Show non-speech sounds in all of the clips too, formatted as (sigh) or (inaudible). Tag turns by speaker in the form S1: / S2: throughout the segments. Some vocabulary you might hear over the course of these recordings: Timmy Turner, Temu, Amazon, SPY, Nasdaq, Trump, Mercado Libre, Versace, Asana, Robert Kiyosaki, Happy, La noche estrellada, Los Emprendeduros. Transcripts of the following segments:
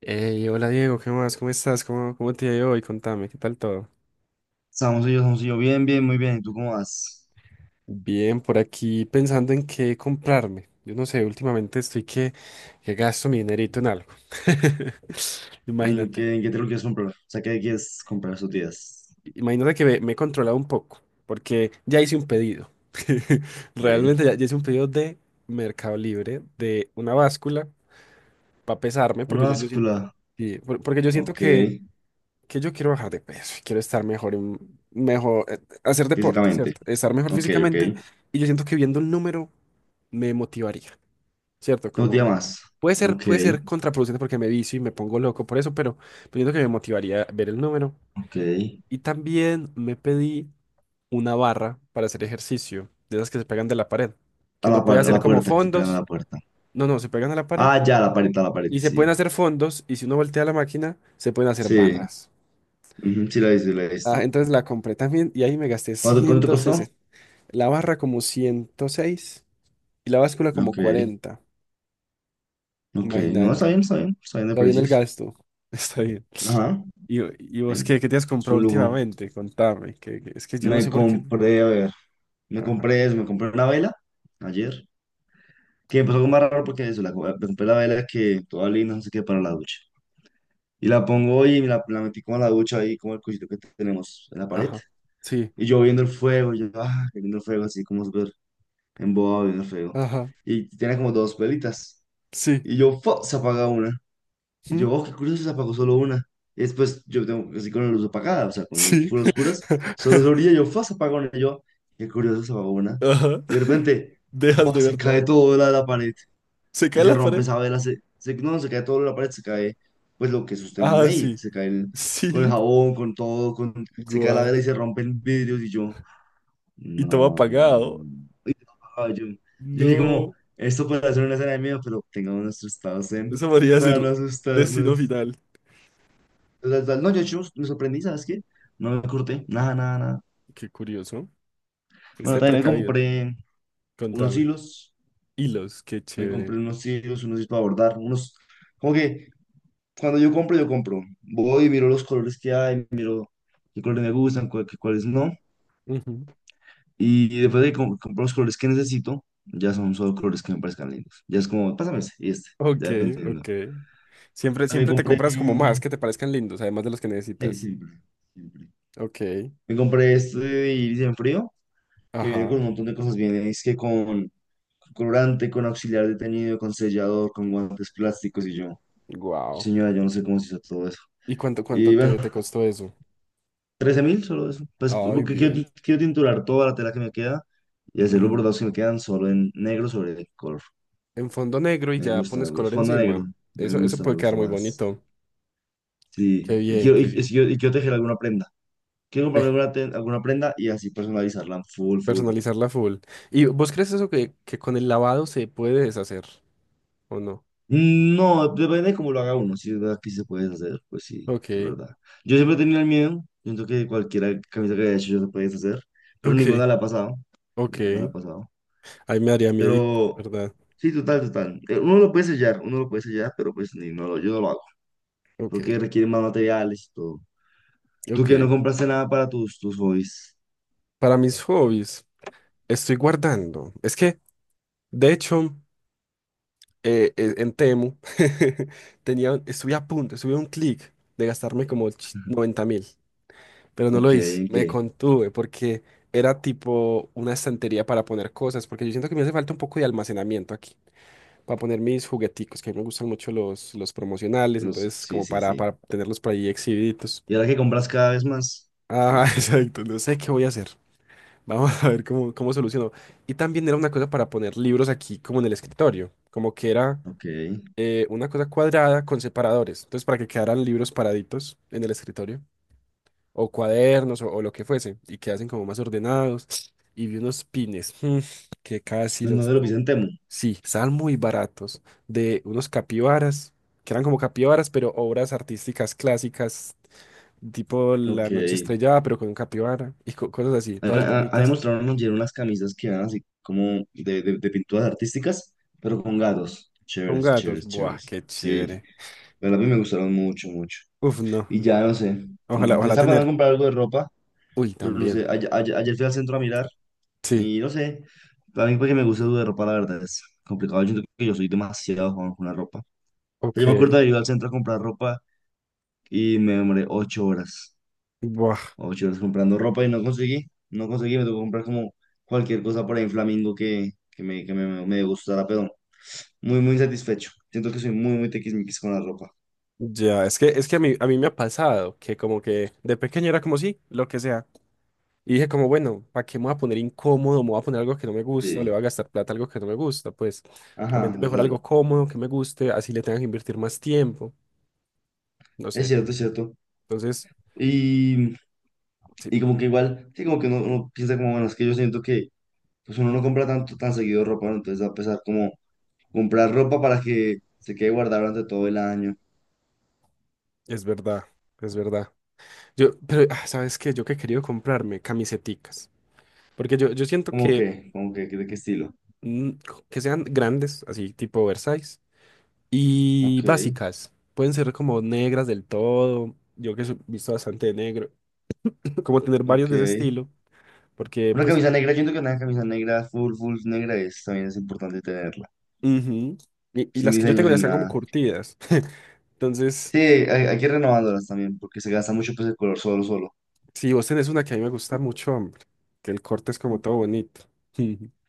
S1: Hey, hola Diego, ¿qué más? ¿Cómo estás? ¿Cómo te ha ido hoy? Contame, ¿qué tal todo?
S2: Estamos yo. Bien, bien, muy bien. ¿Y tú cómo vas?
S1: Bien, por aquí pensando en qué comprarme. Yo no sé, últimamente estoy que gasto mi dinerito en algo. (laughs)
S2: ¿En
S1: Imagínate.
S2: qué, en qué te lo quieres comprar? O sea, ¿qué quieres comprar esos días?
S1: Imagínate que me he controlado un poco, porque ya hice un pedido. (laughs) Realmente
S2: Ok.
S1: ya hice un pedido de Mercado Libre, de una báscula para pesarme,
S2: Una
S1: porque yo siento,
S2: báscula.
S1: porque yo siento
S2: Ok.
S1: que yo quiero bajar de peso, quiero estar mejor, mejor, hacer deporte,
S2: Físicamente.
S1: ¿cierto? Estar mejor
S2: Ok, ok.
S1: físicamente. Y yo siento que viendo el número me motivaría, ¿cierto?
S2: Dos días más.
S1: Puede ser,
S2: Ok,
S1: puede ser contraproducente porque me vicio y me pongo loco por eso, pero siento que me motivaría ver el número.
S2: ok.
S1: Y también me pedí una barra para hacer ejercicio, de esas que se pegan de la pared, que
S2: A la,
S1: uno puede
S2: par- a
S1: hacer
S2: la
S1: como
S2: puerta, que se pegan a
S1: fondos.
S2: la puerta.
S1: No, no, se pegan a la pared
S2: Ah, ya, la pared, a la pared,
S1: y se pueden
S2: sí.
S1: hacer fondos, y si uno voltea la máquina, se pueden hacer
S2: Sí,
S1: barras.
S2: ujú, sí, la he visto, sí la he
S1: Ah,
S2: visto.
S1: entonces la compré también y ahí me gasté
S2: ¿Cuánto, cuánto
S1: ciento
S2: costó?
S1: sesenta, La barra como 106 y la báscula como
S2: Ok,
S1: 40.
S2: ok. No, está
S1: Imagínate.
S2: bien, está bien. Está bien de
S1: Está bien el
S2: precios.
S1: gasto. (laughs) Está bien.
S2: Ajá.
S1: ¿Y, y
S2: Sí.
S1: vos qué te has
S2: Es
S1: comprado
S2: un lujo.
S1: últimamente? Contame. Es que yo no
S2: Me
S1: sé por qué.
S2: compré, a ver. Me
S1: Ajá.
S2: compré eso, me compré una vela ayer, que empezó algo más raro porque eso, me compré la vela que toda linda, no sé qué, para la ducha. Y la pongo hoy y me la metí como a la ducha ahí, como el cuchito que tenemos en la pared.
S1: Ajá. Sí.
S2: Y yo viendo el fuego, viendo el fuego, así como súper embobado viendo el fuego.
S1: Ajá.
S2: Y tiene como dos velitas.
S1: Sí.
S2: Y yo, ¡fua!, se apaga una. Y
S1: ¿Mm?
S2: yo, oh, qué curioso, se apagó solo una. Y después yo tengo así con la luz apagada, o sea, con las luces
S1: Sí.
S2: full oscuras, solo se brilla,
S1: (laughs)
S2: yo, fue, se apagó una. Y yo, qué curioso, se apagó una.
S1: Ajá.
S2: Y de repente,
S1: Dejas
S2: fue,
S1: de
S2: se
S1: ver
S2: cae
S1: todo.
S2: todo la pared
S1: Se
S2: y
S1: cae
S2: se
S1: la
S2: rompe
S1: pared.
S2: esa vela. No, se cae todo la pared, se cae, pues lo que sostiene
S1: Ah,
S2: ahí,
S1: sí.
S2: se cae el con el
S1: Sí.
S2: jabón, con todo, con, se cae la
S1: Guau.
S2: vela y se rompen vidrios. Y yo,
S1: Y todo
S2: no.
S1: apagado.
S2: Ah, yo dije, como,
S1: No.
S2: esto puede ser una escena de miedo, pero tengamos nuestros estados zen
S1: Eso podría ser
S2: para no
S1: destino
S2: asustarnos.
S1: final.
S2: La verdad, no, yo me sorprendí, ¿sabes qué? No me corté, nada, nada, nada.
S1: Qué curioso.
S2: Bueno,
S1: Este
S2: también me
S1: precavido.
S2: compré unos
S1: Contame.
S2: hilos,
S1: Hilos, qué chévere.
S2: unos hilos para bordar, unos... Como que cuando yo compro, yo compro. Voy y miro los colores que hay, miro qué colores me gustan, qué cuáles no.
S1: Ujú.
S2: Y después de que compro los colores que necesito, ya son solo colores que me parezcan lindos. Ya es como, pásame ese y este,
S1: Ok,
S2: ya dependiendo.
S1: ok. Siempre,
S2: También
S1: siempre te
S2: compré...
S1: compras como más que te parezcan lindos, además de los que
S2: Sí,
S1: necesitas.
S2: siempre, siempre.
S1: Ok.
S2: Me compré este de iris en frío que viene con
S1: Ajá.
S2: un montón de cosas. Viene, es que con colorante, con auxiliar de teñido, con sellador, con guantes plásticos y yo.
S1: Wow.
S2: Señora, yo no sé cómo se hizo todo eso.
S1: ¿Y cuánto
S2: Y bueno,
S1: te costó eso?
S2: 13.000 solo eso. Pues
S1: Ay,
S2: porque quiero,
S1: bien.
S2: quiero tinturar toda la tela que me queda y hacer los
S1: Ujú.
S2: bordados que me quedan solo en negro sobre color.
S1: En fondo negro y
S2: Me
S1: ya
S2: gusta, me
S1: pones color
S2: gusta. Fondo
S1: encima.
S2: negro.
S1: Eso
S2: Me
S1: puede quedar
S2: gusta
S1: muy
S2: más.
S1: bonito.
S2: Sí.
S1: Qué
S2: Y
S1: bien,
S2: quiero, y,
S1: qué
S2: y
S1: bien.
S2: quiero, y quiero tejer alguna prenda. Quiero comprarme
S1: Eh,
S2: alguna prenda y así personalizarla full, full.
S1: Personalizarla full. ¿Y vos crees eso que con el lavado se puede deshacer o no?
S2: Mm, no, depende de cómo lo haga uno. Si es verdad que sí se puede hacer, pues sí, es
S1: Ok.
S2: verdad. Yo siempre he tenido el miedo. Siento que cualquier camisa que haya hecho yo se puede hacer, pero
S1: Ok,
S2: ninguna la ha pasado. Ninguna la ha
S1: ok.
S2: pasado.
S1: Ahí me daría miedito,
S2: Pero
S1: ¿verdad?
S2: sí, total, total. Uno lo puede sellar, uno lo puede sellar, pero pues ni, no, yo no lo hago,
S1: Ok,
S2: porque requiere más materiales y todo. Tú
S1: ok.
S2: que no compraste nada para tus hobbies.
S1: Para mis hobbies, estoy guardando. Es que, de hecho, en Temu, (laughs) tenía, estuve a punto, estuve a un clic de gastarme como 90.000, pero no lo
S2: Ok,
S1: hice.
S2: ¿en
S1: Me
S2: qué?
S1: contuve porque era tipo una estantería para poner cosas, porque yo siento que me hace falta un poco de almacenamiento aquí, para poner mis jugueticos, que a mí me gustan mucho los promocionales.
S2: Los
S1: Entonces
S2: sí,
S1: como
S2: sí,
S1: para,
S2: sí.
S1: para tenerlos por ahí exhibidos.
S2: Y ahora que compras cada vez más.
S1: Ajá,
S2: Sí,
S1: (laughs) exacto. No sé qué voy a hacer. Vamos a ver cómo soluciono. Y también era una cosa para poner libros aquí, como en el escritorio. Como que era,
S2: ok.
S1: una cosa cuadrada con separadores. Entonces, para que quedaran libros paraditos en el escritorio. O cuadernos o lo que fuese, y quedasen como más ordenados. Y vi unos pines, que casi
S2: No, no,
S1: los...
S2: de lo que
S1: co-
S2: hice en Temu.
S1: Sí, estaban muy baratos. De unos capibaras, que eran como capibaras, pero obras artísticas clásicas tipo La
S2: Ok.
S1: noche estrellada, pero con un capibara y cosas así,
S2: Ha,
S1: todas
S2: ha
S1: bonitas,
S2: demostrado unos ayer unas camisas que eran así como de, de pinturas artísticas, pero con gatos.
S1: con
S2: Chéveres,
S1: gatos.
S2: chéveres,
S1: Buah,
S2: chéveres.
S1: qué
S2: Sí,
S1: chévere.
S2: pero a mí me gustaron mucho, mucho.
S1: Uf, no.
S2: Y ya no sé,
S1: Ojalá,
S2: mm,
S1: ojalá
S2: estaba pensando en
S1: tener.
S2: comprar algo de ropa,
S1: Uy,
S2: pero no
S1: también.
S2: sé, ayer, ayer fui al centro a mirar
S1: Sí,
S2: y no sé, para mí porque me gusta algo de ropa, la verdad es complicado. Yo siento que yo soy demasiado joven con la ropa. O sea, yo me
S1: ok.
S2: acuerdo de ir al centro a comprar ropa y me demoré 8 horas.
S1: Buah.
S2: O chicos, comprando ropa y no conseguí. No conseguí, me tocó comprar como cualquier cosa por ahí en Flamingo me gustara, pero muy, muy insatisfecho. Siento que soy muy, muy tiquismiquis con la ropa.
S1: Ya, es que a mí me ha pasado que como que de pequeño era como sí, lo que sea. Y dije como, bueno, ¿para qué me voy a poner incómodo? ¿Me voy a poner algo que no me gusta? ¿O le voy
S2: Sí.
S1: a gastar plata a algo que no me gusta? Pues
S2: Ajá,
S1: realmente mejor algo
S2: total.
S1: cómodo, que me guste, así le tenga que invertir más tiempo. No
S2: Es
S1: sé.
S2: cierto, es cierto.
S1: Entonces,
S2: Y,
S1: sí,
S2: y como que igual, sí, como que uno piensa como, bueno, es que yo siento que pues uno no compra tanto, tan seguido ropa, ¿no? Entonces va a pesar como comprar ropa para que se quede guardada durante todo el año.
S1: es verdad, es verdad. Yo, pero, ah, ¿sabes qué? Yo que he querido comprarme camiseticas. Porque yo siento
S2: ¿Cómo que? ¿Cómo que? ¿De qué estilo?
S1: mm, que sean grandes, así tipo Versace, y
S2: Ok,
S1: básicas. Pueden ser como negras del todo. Yo que he visto bastante de negro. (laughs) Como tener varios de ese
S2: ok.
S1: estilo. Porque,
S2: Una
S1: pues,
S2: camisa negra, yo siento que una camisa negra, full, full negra es, también es importante tenerla.
S1: ujú. Y
S2: Sin
S1: las que yo
S2: diseño,
S1: tengo ya
S2: sin
S1: están como
S2: nada.
S1: curtidas. (laughs) Entonces,
S2: Sí, hay que ir renovándolas también, porque se gasta mucho pues el color solo, solo.
S1: si vos tenés una que a mí me gusta mucho, hombre, que el corte es como todo bonito. (laughs)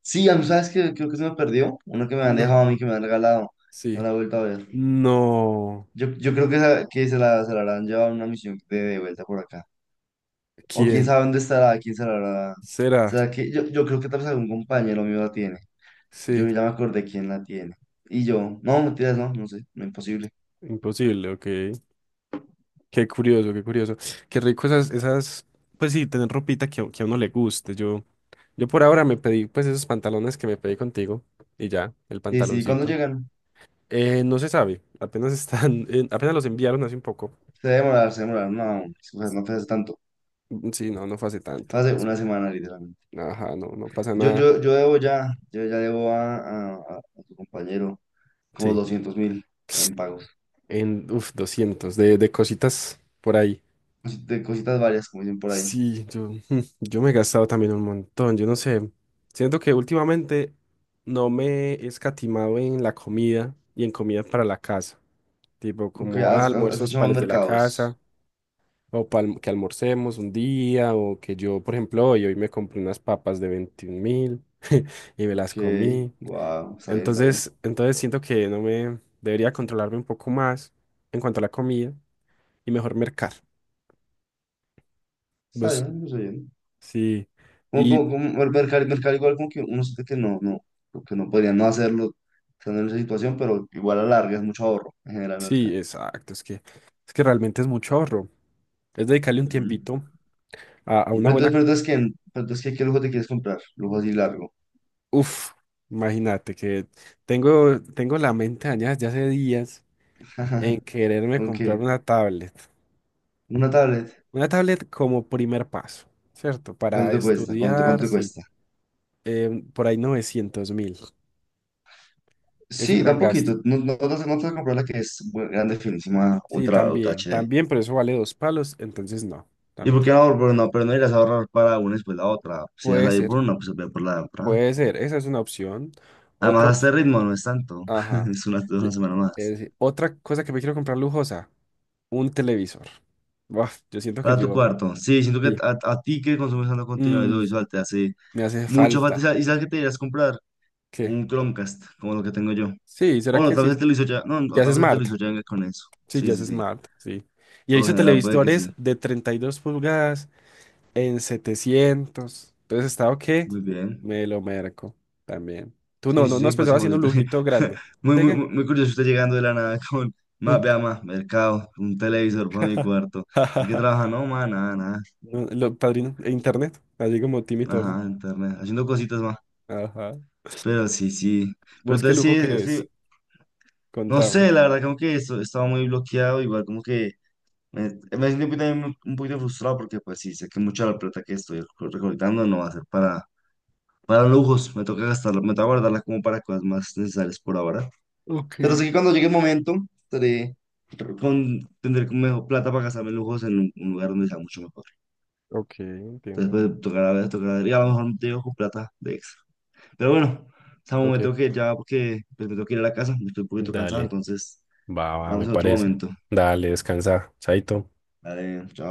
S2: Sí, a mí, ¿sabes qué? Creo que se me perdió. Una que me han
S1: No,
S2: dejado a mí, que me han regalado. No
S1: sí.
S2: la he vuelto a ver.
S1: No.
S2: Yo creo que, esa que se la habrán llevado a una misión de, vuelta por acá. O quién
S1: ¿Quién?
S2: sabe dónde estará, quién se la habrá...
S1: ¿Será?
S2: ¿Será que yo creo que tal vez algún compañero mío la tiene?
S1: Sí.
S2: Yo ya me acordé quién la tiene. Y yo, no, mentiras, no, no sé, no, imposible.
S1: Imposible, ok. Qué curioso, qué curioso. Qué rico esas, esas, pues sí, tener ropita que a uno le guste. Yo por ahora me pedí, pues esos pantalones que me pedí contigo y ya, el
S2: Sí, sí, ¿cuándo
S1: pantaloncito.
S2: llegan?
S1: No se sabe, apenas (laughs) están, apenas los enviaron hace un poco.
S2: Se debe demorar, no, o sea, no fue hace tanto,
S1: Mm, sí, no, no fue hace tanto.
S2: fue hace una semana literalmente.
S1: Ajá, no, no pasa
S2: Yo,
S1: nada.
S2: yo debo ya, yo ya debo a tu compañero como
S1: Sí,
S2: 200.000 en pagos,
S1: 200 de cositas por ahí.
S2: De cositas varias, como dicen por ahí.
S1: Sí, yo, (laughs) yo me he gastado también un montón, yo no sé, siento que últimamente no me he escatimado en la comida y en comida para la casa, tipo
S2: Ok,
S1: como
S2: has, has
S1: almuerzos
S2: hecho
S1: para
S2: más
S1: los de la
S2: mercados.
S1: casa, o para que almorcemos un día, o que yo, por ejemplo, hoy me compré unas papas de 21.000 (laughs) y me las
S2: Ok,
S1: comí.
S2: wow, está bien, está bien,
S1: Entonces, siento que no me debería controlarme un poco más en cuanto a la comida y mejor mercar,
S2: está
S1: pues
S2: bien, está bien.
S1: sí.
S2: Como,
S1: Y
S2: como, como el mercado, mercado igual como que uno siente que no, no, como que no podría no hacerlo estando en esa situación, pero igual a la larga es mucho ahorro en general mercado.
S1: sí, exacto. Es que realmente es mucho ahorro. Es dedicarle un tiempito a
S2: Y
S1: una
S2: pero entonces,
S1: buena.
S2: ¿qué lujo te quieres comprar? Lujo así largo.
S1: Uf, imagínate que tengo la mente dañada ya hace días en
S2: (laughs)
S1: quererme
S2: ¿Con
S1: comprar
S2: qué?
S1: una tablet.
S2: ¿Una tablet?
S1: Una tablet como primer paso, ¿cierto? Para
S2: ¿Cuánto te cuesta? ¿Cuánto,
S1: estudiar,
S2: cuánto te
S1: sí.
S2: cuesta?
S1: Por ahí 900.000. Es un
S2: Sí, da
S1: gran
S2: un
S1: gasto.
S2: poquito. No, no, no te vas a no te vas a comprar la que es bu- grande, finísima,
S1: Sí,
S2: ultra, ultra
S1: también,
S2: HD.
S1: también, pero eso vale dos palos, entonces no,
S2: ¿Y
S1: también.
S2: por qué no? Pero no, pero no irás a ahorrar para una y después la otra. Si vas
S1: Puede
S2: a ir
S1: ser,
S2: por una, pues ve por la otra.
S1: puede ser. Esa es una opción.
S2: Además,
S1: Otra
S2: a este
S1: opción.
S2: ritmo no es tanto. (laughs)
S1: Ajá.
S2: Es una
S1: E-
S2: semana
S1: es
S2: más.
S1: decir, otra cosa que me quiero comprar lujosa, un televisor. Buaf, yo siento que
S2: Para tu
S1: yo,
S2: cuarto. Sí, siento que
S1: sí,
S2: a ti que consumes tanto contenido
S1: mm,
S2: audiovisual te hace
S1: me hace
S2: mucha falta.
S1: falta.
S2: Y sabes qué te irías a comprar?
S1: ¿Qué?
S2: Un Chromecast, como lo que tengo yo.
S1: Sí, ¿será
S2: O no,
S1: que
S2: tal
S1: sí?
S2: vez él te lo hizo ya. No, no,
S1: Ya es
S2: tal vez él te lo
S1: Smart.
S2: hizo ya con eso.
S1: Sí,
S2: Sí,
S1: ya es
S2: sí, sí.
S1: Smart, sí. Y he
S2: Por lo
S1: visto
S2: general puede que sí.
S1: televisores de 32 pulgadas en 700. Entonces, ¿estado qué?
S2: Muy bien.
S1: Me lo merco también. Tú no,
S2: Sí, sí,
S1: no, no
S2: sí,
S1: has
S2: pues
S1: pensado
S2: como si
S1: haciendo un
S2: usted...
S1: lujito grande.
S2: (laughs) muy,
S1: ¿Qué,
S2: muy,
S1: qué?
S2: muy muy curioso usted llegando de la nada (laughs) con, más
S1: Un-
S2: vea, mercado, un televisor para mi cuarto. ¿En qué trabaja?
S1: (laughs)
S2: No, más nada, nada.
S1: No, lo, padrino, e internet, así como Timmy Turner.
S2: Ajá, internet, haciendo cositas, más.
S1: Ajá.
S2: Pero sí, sí. Pero
S1: ¿Vos qué
S2: entonces
S1: lujo
S2: sí,
S1: querés?
S2: sí. No
S1: Contame.
S2: sé, la verdad, como que esto, estaba muy bloqueado, igual como que me, me siento un poquito frustrado porque pues sí, sé que mucha de la plata que estoy recolectando no va a ser para lujos, me toca gastarla, me toca guardarla como para cosas más necesarias por ahora.
S1: Ok.
S2: Pero sé que cuando llegue el momento, estaré con, tendré como mejor plata para gastarme en lujos en un lugar donde sea mucho mejor.
S1: Ok,
S2: Entonces,
S1: entiendo.
S2: pues, tocará ver, y a lo mejor no te dejo con plata de extra. Pero bueno, Samu, me
S1: Ok,
S2: tengo que ir ya porque pues, me tengo que ir a la casa, estoy un poquito cansado,
S1: dale,
S2: entonces
S1: va, va, me
S2: hablamos en otro
S1: parece.
S2: momento.
S1: Dale, descansa, chaito.
S2: Dale, chao.